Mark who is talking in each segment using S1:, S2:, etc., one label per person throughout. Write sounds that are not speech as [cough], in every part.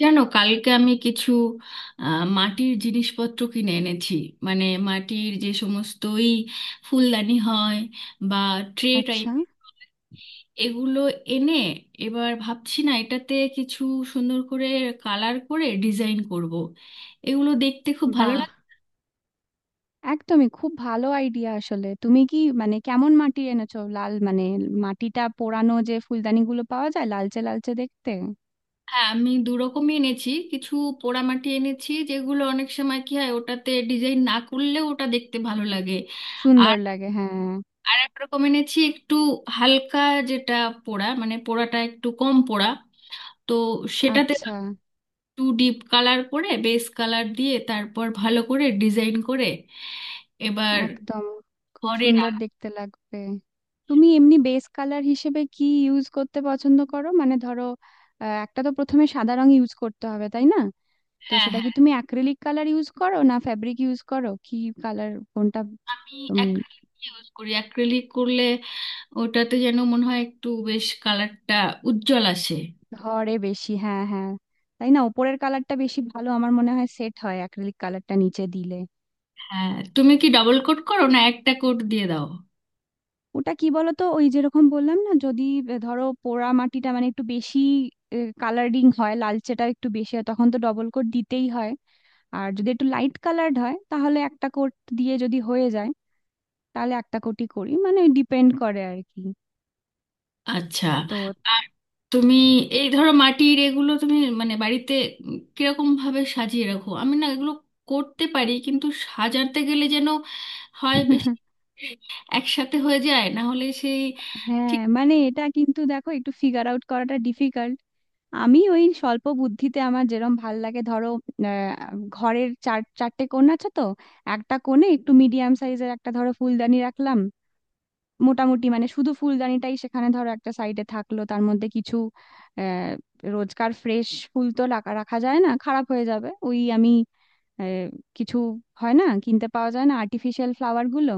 S1: জানো কালকে আমি কিছু মাটির জিনিসপত্র কিনে এনেছি। মানে মাটির যে সমস্তই ফুলদানি হয় বা ট্রে টাইপ,
S2: আচ্ছা।
S1: এগুলো এনে এবার ভাবছি না এটাতে কিছু সুন্দর করে কালার করে ডিজাইন করব। এগুলো দেখতে খুব ভালো
S2: বাহ!
S1: লাগে।
S2: একদমই খুব ভালো আইডিয়া আসলে। তুমি কি মানে কেমন মাটি এনেছো? লাল মানে মাটিটা পোড়ানো যে ফুলদানিগুলো পাওয়া যায় লালচে লালচে দেখতে
S1: হ্যাঁ আমি দু রকমই এনেছি। কিছু পোড়ামাটি এনেছি যেগুলো অনেক সময় কি হয়, ওটাতে ডিজাইন না করলেও ওটা দেখতে ভালো লাগে।
S2: সুন্দর লাগে। হ্যাঁ,
S1: আর এক রকমের এনেছি একটু হালকা, যেটা পোড়া মানে পোড়াটা একটু কম পোড়া। তো সেটাতে
S2: আচ্ছা
S1: একটু ডিপ কালার করে বেস কালার দিয়ে তারপর ভালো করে ডিজাইন করে এবার
S2: একদম খুব
S1: ঘরে
S2: সুন্দর
S1: রাখ।
S2: দেখতে লাগবে। তুমি এমনি বেস কালার হিসেবে কি ইউজ করতে পছন্দ করো? মানে ধরো একটা তো প্রথমে সাদা রং ইউজ করতে হবে তাই না? তো
S1: হ্যাঁ
S2: সেটা কি
S1: হ্যাঁ
S2: তুমি অ্যাক্রিলিক কালার ইউজ করো না ফ্যাব্রিক ইউজ করো? কি কালার কোনটা
S1: আমি
S2: তুমি
S1: অ্যাক্রিলিক ইউজ করি। অ্যাক্রিলিক করলে ওটাতে যেন মনে হয় একটু বেশ কালারটা উজ্জ্বল আসে।
S2: ধরে বেশি। হ্যাঁ, হ্যাঁ, তাই না। উপরের কালারটা বেশি ভালো আমার মনে হয় সেট হয় অ্যাক্রিলিক কালারটা নিচে দিলে।
S1: হ্যাঁ তুমি কি ডাবল কোট করো না একটা কোট দিয়ে দাও?
S2: ওটা কি বলতো ওই যেরকম বললাম না যদি ধরো পোড়া মাটিটা মানে একটু বেশি কালারিং হয় লালচেটা একটু বেশি হয় তখন তো ডবল কোট দিতেই হয়। আর যদি একটু লাইট কালার্ড হয় তাহলে একটা কোট দিয়ে যদি হয়ে যায় তাহলে একটা কোটই করি মানে ডিপেন্ড করে আর কি।
S1: আচ্ছা।
S2: তো
S1: আর তুমি এই ধরো মাটির এগুলো তুমি মানে বাড়িতে কিরকম ভাবে সাজিয়ে রাখো? আমি না এগুলো করতে পারি কিন্তু সাজাতে গেলে যেন হয় বেশি
S2: [laughs]
S1: একসাথে হয়ে যায়, না হলে সেই
S2: হ্যাঁ,
S1: ঠিক।
S2: মানে এটা কিন্তু দেখো একটু ফিগার আউট করাটা ডিফিকাল্ট। আমি ওই স্বল্প বুদ্ধিতে আমার যেরম ভাল লাগে ধরো আহ, ঘরের চার চারটে কোণ আছে তো একটা কোণে একটু মিডিয়াম সাইজের একটা ধরো ফুলদানি রাখলাম। মোটামুটি মানে শুধু ফুলদানিটাই সেখানে ধরো একটা সাইডে থাকলো তার মধ্যে কিছু আহ রোজকার ফ্রেশ ফুল তো রাখা রাখা যায় না, খারাপ হয়ে যাবে। ওই আমি আহ, কিছু হয় না কিনতে পাওয়া যায় না আর্টিফিশিয়াল ফ্লাওয়ার গুলো,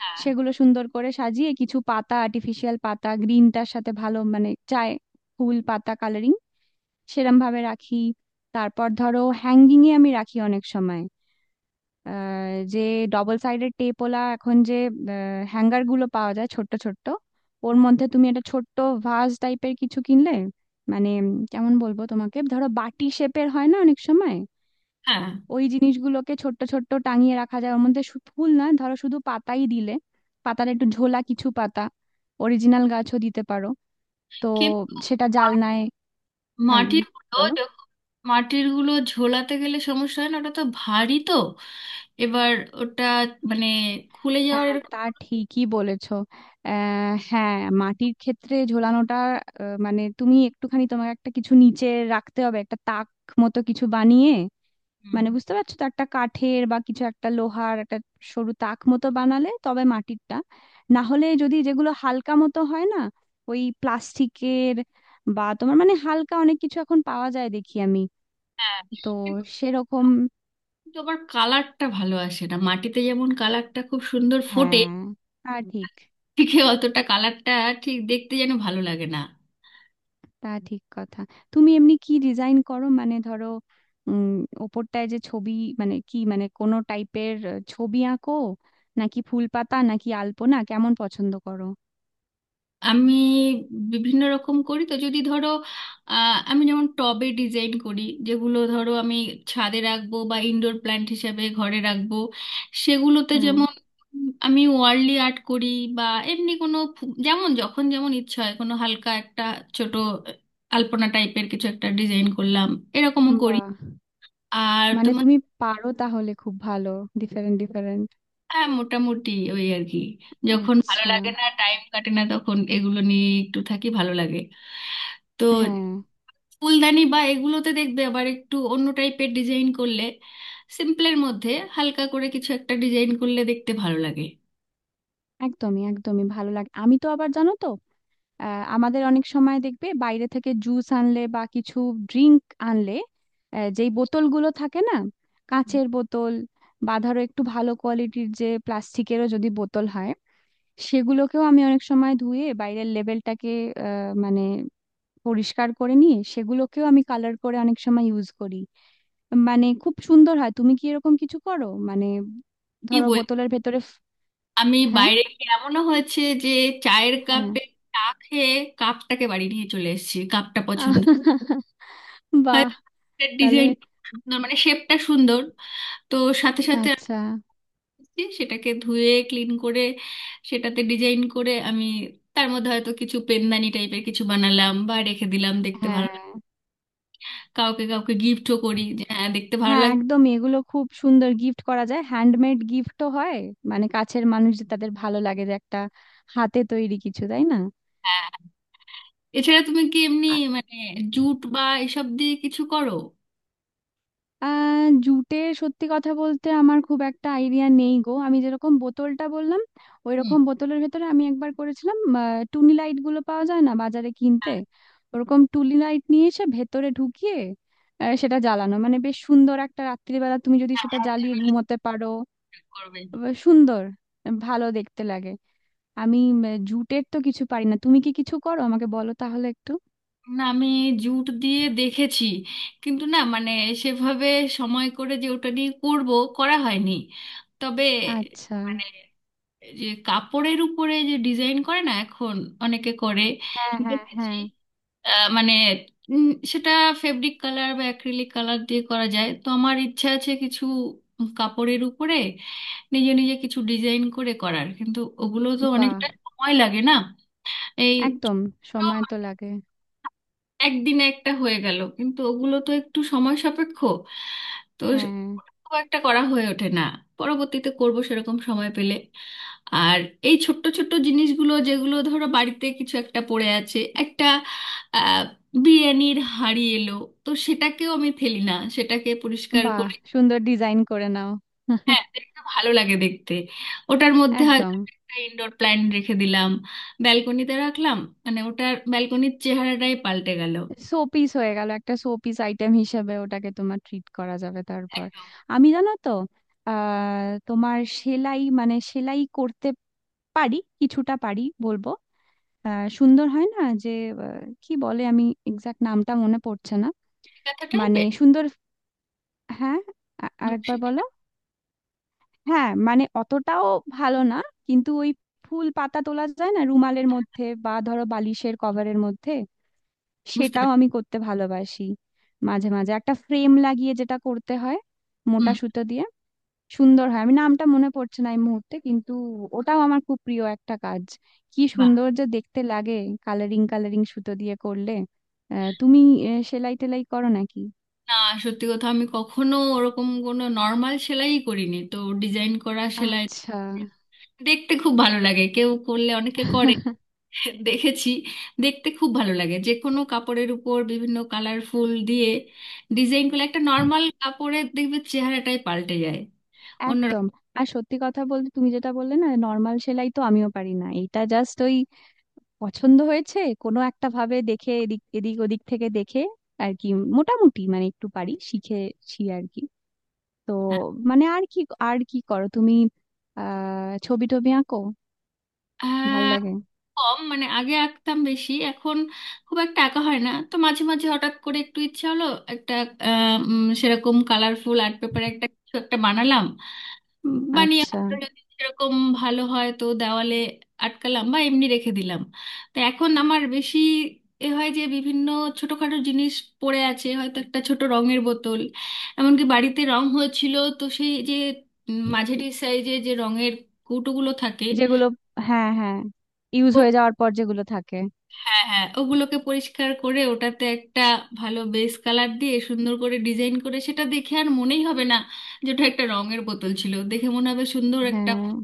S1: হ্যাঁ
S2: সেগুলো সুন্দর করে সাজিয়ে কিছু পাতা আর্টিফিশিয়াল পাতা গ্রিনটার সাথে ভালো মানে চায় ফুল পাতা কালারিং সেরম ভাবে রাখি। তারপর ধরো হ্যাঙ্গিং এ আমি রাখি অনেক সময় আহ, যে ডবল সাইডেড টেপওয়ালা এখন যে হ্যাঙ্গার গুলো পাওয়া যায় ছোট্ট ছোট্ট, ওর মধ্যে তুমি একটা ছোট্ট ভাস টাইপের কিছু কিনলে, মানে কেমন বলবো তোমাকে, ধরো বাটি শেপের হয় না অনেক সময়,
S1: হ্যাঁ
S2: ওই জিনিসগুলোকে ছোট্ট ছোট্ট টাঙিয়ে রাখা যায়। ওর মধ্যে ফুল না ধরো শুধু পাতাই দিলে পাতার একটু ঝোলা কিছু পাতা অরিজিনাল গাছও দিতে পারো। তো
S1: কিন্তু
S2: সেটা
S1: মা-
S2: জালনায়। হ্যাঁ,
S1: মাটির গুলো
S2: বলো।
S1: যখন মাটির গুলো ঝোলাতে গেলে সমস্যা হয় না? ওটা তো ভারী, তো এবার ওটা মানে খুলে যাওয়ার
S2: হ্যাঁ,
S1: এরকম-
S2: তা ঠিকই বলেছো। হ্যাঁ, মাটির ক্ষেত্রে ঝোলানোটা মানে তুমি একটুখানি তোমার একটা কিছু নিচে রাখতে হবে, একটা তাক মতো কিছু বানিয়ে।
S1: হুম।
S2: মানে বুঝতে পারছো তো, একটা কাঠের বা কিছু একটা লোহার একটা সরু তাক মতো বানালে তবে মাটিরটা। না হলে যদি যেগুলো হালকা মতো হয় না ওই প্লাস্টিকের বা তোমার মানে হালকা অনেক কিছু এখন পাওয়া যায় দেখি আমি।
S1: হ্যাঁ,
S2: তো সেরকম।
S1: কিন্তু আবার কালারটা ভালো আসে না। মাটিতে যেমন কালারটা খুব সুন্দর ফোটে,
S2: হ্যাঁ, তা ঠিক।
S1: ঠিক অতটা কালারটা ঠিক দেখতে যেন ভালো লাগে না।
S2: তা ঠিক কথা। তুমি এমনি কি ডিজাইন করো মানে ধরো উম ওপরটায় যে ছবি, মানে কি মানে কোনো টাইপের ছবি আঁকো নাকি ফুল পাতা নাকি আলপনা কেমন পছন্দ করো?
S1: আমি বিভিন্ন রকম করি। তো যদি ধরো, আমি যেমন টবে ডিজাইন করি যেগুলো ধরো আমি ছাদে রাখবো বা ইনডোর প্ল্যান্ট হিসাবে ঘরে রাখবো, সেগুলোতে
S2: হ্যাঁ,
S1: যেমন আমি ওয়ার্লি আর্ট করি। বা এমনি কোনো যেমন যখন যেমন ইচ্ছা হয় কোনো হালকা একটা ছোট আলপনা টাইপের কিছু একটা ডিজাইন করলাম, এরকমও করি।
S2: বাহ!
S1: আর
S2: মানে
S1: তোমার?
S2: তুমি পারো তাহলে খুব ভালো, ডিফারেন্ট ডিফারেন্ট।
S1: হ্যাঁ মোটামুটি, ওই আর কি। যখন ভালো
S2: আচ্ছা।
S1: লাগে না, টাইম কাটে না, তখন এগুলো নিয়ে একটু থাকি, ভালো লাগে। তো
S2: হ্যাঁ,
S1: ফুলদানি বা এগুলোতে দেখবে আবার একটু অন্য টাইপের ডিজাইন করলে সিম্পলের মধ্যে হালকা করে কিছু একটা ডিজাইন করলে দেখতে ভালো লাগে।
S2: একদমই একদমই ভালো লাগে। আমি তো আবার জানো তো আমাদের অনেক সময় দেখবে বাইরে থেকে জুস আনলে বা কিছু ড্রিঙ্ক আনলে যেই বোতলগুলো থাকে না কাঁচের বোতল বা ধরো একটু ভালো কোয়ালিটির যে প্লাস্টিকেরও যদি বোতল হয়, সেগুলোকেও আমি অনেক সময় ধুয়ে বাইরের লেবেলটাকে মানে পরিষ্কার করে নিয়ে সেগুলোকেও আমি কালার করে অনেক সময় ইউজ করি। মানে খুব সুন্দর হয়। তুমি কি এরকম কিছু করো মানে
S1: কি
S2: ধরো
S1: বল,
S2: বোতলের ভেতরে
S1: আমি
S2: হ্যাঁ,
S1: বাইরে গিয়ে এমনও হয়েছে যে চায়ের
S2: হ্যাঁ।
S1: কাপে চা খেয়ে কাপটাকে বাড়ি নিয়ে চলে এসেছি। কাপটা পছন্দ,
S2: [laughs] আহ, বাহ!
S1: হয়তো
S2: তাহলে
S1: ডিজাইন সুন্দর মানে শেপটা সুন্দর। তো সাথে সাথে
S2: আচ্ছা।
S1: যে সেটাকে ধুয়ে ক্লিন করে সেটাতে ডিজাইন করে আমি তার মধ্যে হয়তো কিছু পেনদানি টাইপের কিছু বানালাম বা রেখে দিলাম, দেখতে
S2: হ্যাঁ,
S1: ভালো লাগে। কাউকে কাউকে গিফটও করি, যে হ্যাঁ দেখতে ভালো
S2: হ্যাঁ,
S1: লাগে।
S2: একদমই এগুলো খুব সুন্দর গিফট করা যায়, হ্যান্ডমেড গিফটও হয়। মানে কাছের মানুষ যে তাদের ভালো লাগে যে একটা হাতে তৈরি কিছু, তাই না।
S1: হ্যাঁ। এছাড়া তুমি কি এমনি
S2: আ-
S1: মানে জুট বা এসব দিয়ে কিছু করো?
S2: আহ, জুটে সত্যি কথা বলতে আমার খুব একটা আইডিয়া নেই গো। আমি যেরকম বোতলটা বললাম ওই
S1: হুম।
S2: রকম বোতলের ভেতরে আমি একবার করেছিলাম। টুনি লাইট গুলো পাওয়া যায় না বাজারে কিনতে,
S1: হ্যাঁ,
S2: ওরকম টুনি লাইট নিয়ে এসে ভেতরে ঢুকিয়ে সেটা জ্বালানো, মানে বেশ সুন্দর, একটা রাত্রিবেলা তুমি যদি
S1: হ্যাঁ,
S2: সেটা
S1: হাতের
S2: জ্বালিয়ে
S1: কাজ
S2: ঘুমোতে পারো
S1: করবে।
S2: সুন্দর ভালো দেখতে লাগে। আমি জুটের তো কিছু পারি না। তুমি কি কিছু করো আমাকে বলো তাহলে একটু।
S1: না আমি জুট দিয়ে দেখেছি, কিন্তু না মানে সেভাবে সময় করে যে ওটা নিয়ে করব, করা হয়নি। তবে
S2: আচ্ছা।
S1: মানে যে কাপড়ের উপরে যে ডিজাইন করে না এখন অনেকে করে,
S2: হ্যাঁ, হ্যাঁ,
S1: দেখেছি।
S2: হ্যাঁ।
S1: মানে উম, সেটা ফেব্রিক কালার বা অ্যাক্রিলিক কালার দিয়ে করা যায়, তো আমার ইচ্ছা আছে কিছু কাপড়ের উপরে নিজে নিজে কিছু ডিজাইন করে করার, কিন্তু ওগুলো তো
S2: বাহ!
S1: অনেকটা সময় লাগে না এই
S2: একদম। সময় তো
S1: ছোট
S2: লাগে।
S1: একদিনে একটা হয়ে গেল, কিন্তু ওগুলো তো একটু সময় সাপেক্ষ। তো
S2: হ্যাঁ।
S1: খুব একটা করা হয়ে ওঠে না, পরবর্তীতে করব সেরকম সময় পেলে। আর এই ছোট্ট ছোট্ট জিনিসগুলো যেগুলো ধরো বাড়িতে কিছু একটা পড়ে আছে, একটা আহ, বিরিয়ানির হাঁড়ি এলো, তো সেটাকেও আমি ফেলি না, সেটাকে পরিষ্কার
S2: বাহ!
S1: করে।
S2: সুন্দর ডিজাইন করে নাও।
S1: হ্যাঁ দেখতে ভালো লাগে দেখতে। ওটার মধ্যে হয়তো
S2: একদম।
S1: একটা ইনডোর প্ল্যান্ট রেখে দিলাম, ব্যালকনিতে রাখলাম, মানে ওটার ব্যালকনির চেহারাটাই পাল্টে গেল।
S2: শো পিস হয়ে গেল, একটা শো পিস আইটেম হিসেবে ওটাকে তোমার ট্রিট করা যাবে। তারপর আমি জানো তো তোমার সেলাই মানে সেলাই করতে পারি, কিছুটা পারি বলবো। সুন্দর হয় না যে, কি বলে, আমি এক্সাক্ট নামটা মনে পড়ছে না।
S1: ব্যথা
S2: মানে
S1: টাইপের।
S2: সুন্দর। হ্যাঁ।
S1: নকশি।
S2: আরেকবার বলো। হ্যাঁ, মানে অতটাও ভালো না কিন্তু ওই ফুল পাতা তোলা যায় না রুমালের মধ্যে বা ধরো বালিশের কভারের মধ্যে,
S1: বুঝতে
S2: সেটাও
S1: পেরেছি।
S2: আমি করতে ভালোবাসি। মাঝে মাঝে একটা ফ্রেম লাগিয়ে যেটা করতে হয়
S1: হুম।
S2: মোটা সুতো দিয়ে, সুন্দর হয়। আমি নামটা মনে পড়ছে না এই মুহূর্তে কিন্তু ওটাও আমার খুব প্রিয় একটা কাজ। কি
S1: বাহ।
S2: সুন্দর যে দেখতে লাগে কালারিং কালারিং সুতো দিয়ে করলে। তুমি সেলাই টেলাই করো নাকি?
S1: না সত্যি কথা আমি কখনো ওরকম কোনো নর্মাল সেলাই করিনি তো, ডিজাইন করা সেলাই।
S2: আচ্ছা।
S1: দেখতে খুব ভালো লাগে কেউ করলে, অনেকে করে দেখেছি। দেখতে খুব ভালো লাগে যে কোনো কাপড়ের উপর বিভিন্ন কালারফুল দিয়ে ডিজাইন করলে একটা নর্মাল কাপড়ের দেখবে চেহারাটাই পাল্টে যায়, অন্যরকম
S2: একদম।
S1: হ্যাঁ।
S2: আর সত্যি কথা বলতে তুমি যেটা বললে না নর্মাল সেলাই তো আমিও পারি না। এটা জাস্ট ওই পছন্দ হয়েছে কোনো একটা ভাবে, দেখে এদিক এদিক ওদিক থেকে দেখে আর কি। মোটামুটি মানে একটু পারি, শিখেছি আর কি। তো মানে আর কি। আর কি করো তুমি? ছবি টবি আঁকো, ভাল
S1: আহ,
S2: লাগে?
S1: কম মানে আগে আঁকতাম বেশি, এখন খুব একটা আঁকা হয় না। তো মাঝে মাঝে হঠাৎ করে একটু ইচ্ছা হলো একটা সেরকম কালারফুল আর্ট পেপারে একটা কিছু একটা বানালাম। বানিয়ে
S2: আচ্ছা।
S1: হয়তো যদি সেরকম ভালো হয় তো দেওয়ালে আটকালাম বা এমনি রেখে দিলাম। তো এখন আমার বেশি এ হয় যে বিভিন্ন ছোটখাটো জিনিস পড়ে আছে, হয়তো একটা ছোট রঙের বোতল। এমনকি বাড়িতে রং হয়েছিল তো সেই যে মাঝারি সাইজে যে রঙের কৌটোগুলো থাকে,
S2: যেগুলো হ্যাঁ, হ্যাঁ, ইউজ হয়ে যাওয়ার পর যেগুলো থাকে।
S1: হ্যাঁ হ্যাঁ ওগুলোকে পরিষ্কার করে ওটাতে একটা ভালো বেস কালার দিয়ে সুন্দর করে ডিজাইন করে সেটা দেখে আর মনেই হবে না যে ওটা একটা রঙের বোতল ছিল, দেখে মনে হবে সুন্দর একটা।
S2: হ্যাঁ।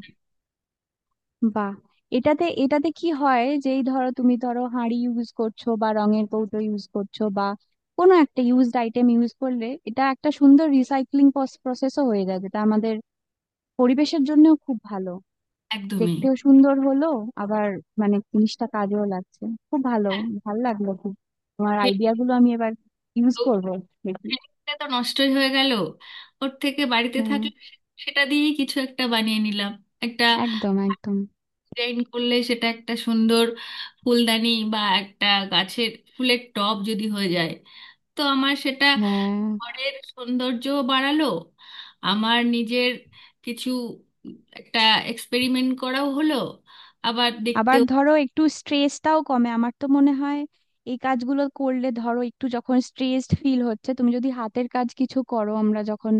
S2: বাহ! এটাতে এটাতে কি হয়, যেই ধরো তুমি ধরো হাঁড়ি ইউজ করছো বা রঙের কৌটো ইউজ করছো বা কোনো একটা ইউজড আইটেম ইউজ করলে, এটা একটা সুন্দর রিসাইক্লিং প্রসেসও হয়ে যায় যেটা আমাদের পরিবেশের জন্যও খুব ভালো।
S1: একদমই।
S2: দেখতেও সুন্দর হলো আবার, মানে জিনিসটা কাজেও লাগছে, খুব ভালো।
S1: হ্যাঁ।
S2: ভালো লাগলো খুব। তোমার
S1: ফে-
S2: আইডিয়া গুলো আমি এবার ইউজ
S1: তো
S2: করবো, দেখি।
S1: ফেরিটা তো নষ্টই হয়ে গেল, ওর থেকে বাড়িতে
S2: হ্যাঁ,
S1: থাকলে সেটা দিয়েই কিছু একটা বানিয়ে নিলাম। একটা
S2: একদম একদম।
S1: ডিজাইন করলে সেটা একটা সুন্দর ফুলদানি বা একটা গাছের ফুলের টব যদি হয়ে যায়, তো আমার সেটা
S2: হ্যাঁ,
S1: ঘরের সৌন্দর্য বাড়ালো, আমার নিজের কিছু একটা এক্সপেরিমেন্ট করাও হলো, আবার
S2: আবার
S1: দেখতেও।
S2: ধরো একটু স্ট্রেসটাও কমে আমার তো মনে হয় এই কাজগুলো করলে। ধরো একটু যখন স্ট্রেসড ফিল হচ্ছে তুমি যদি হাতের কাজ কিছু করো, আমরা যখন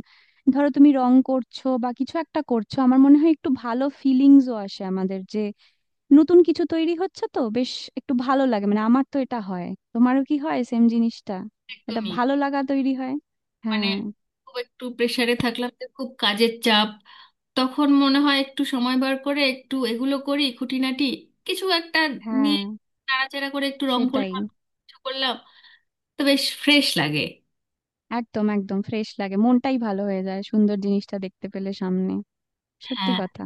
S2: ধরো তুমি রং করছো বা কিছু একটা করছো, আমার মনে হয় একটু ভালো ফিলিংসও আসে আমাদের, যে নতুন কিছু তৈরি হচ্ছে, তো বেশ একটু ভালো লাগে, মানে আমার তো এটা হয়। তোমারও কি হয় সেম জিনিসটা? এটা
S1: একদমই।
S2: ভালো লাগা তৈরি হয়।
S1: মানে
S2: হ্যাঁ,
S1: খুব একটু প্রেসারে থাকলাম যে খুব কাজের চাপ, তখন মনে হয় একটু সময় বার করে একটু এগুলো করি, খুঁটিনাটি কিছু একটা নিয়ে
S2: হ্যাঁ,
S1: নাড়াচাড়া করে একটু রং
S2: সেটাই।
S1: করলাম কিছু করলাম, তো বেশ ফ্রেশ লাগে।
S2: একদম একদম ফ্রেশ লাগে, মনটাই ভালো হয়ে যায় সুন্দর জিনিসটা দেখতে পেলে সামনে, সত্যি
S1: হ্যাঁ,
S2: কথা।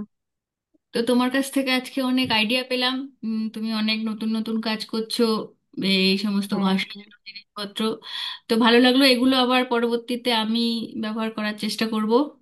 S1: তো তোমার কাছ থেকে আজকে অনেক আইডিয়া পেলাম। তুমি অনেক নতুন নতুন কাজ করছো, এই সমস্ত ঘর
S2: হ্যাঁ।
S1: সাজানোর জিনিসপত্র। তো ভালো লাগলো, এগুলো আবার পরবর্তীতে আমি ব্যবহার করার চেষ্টা করব।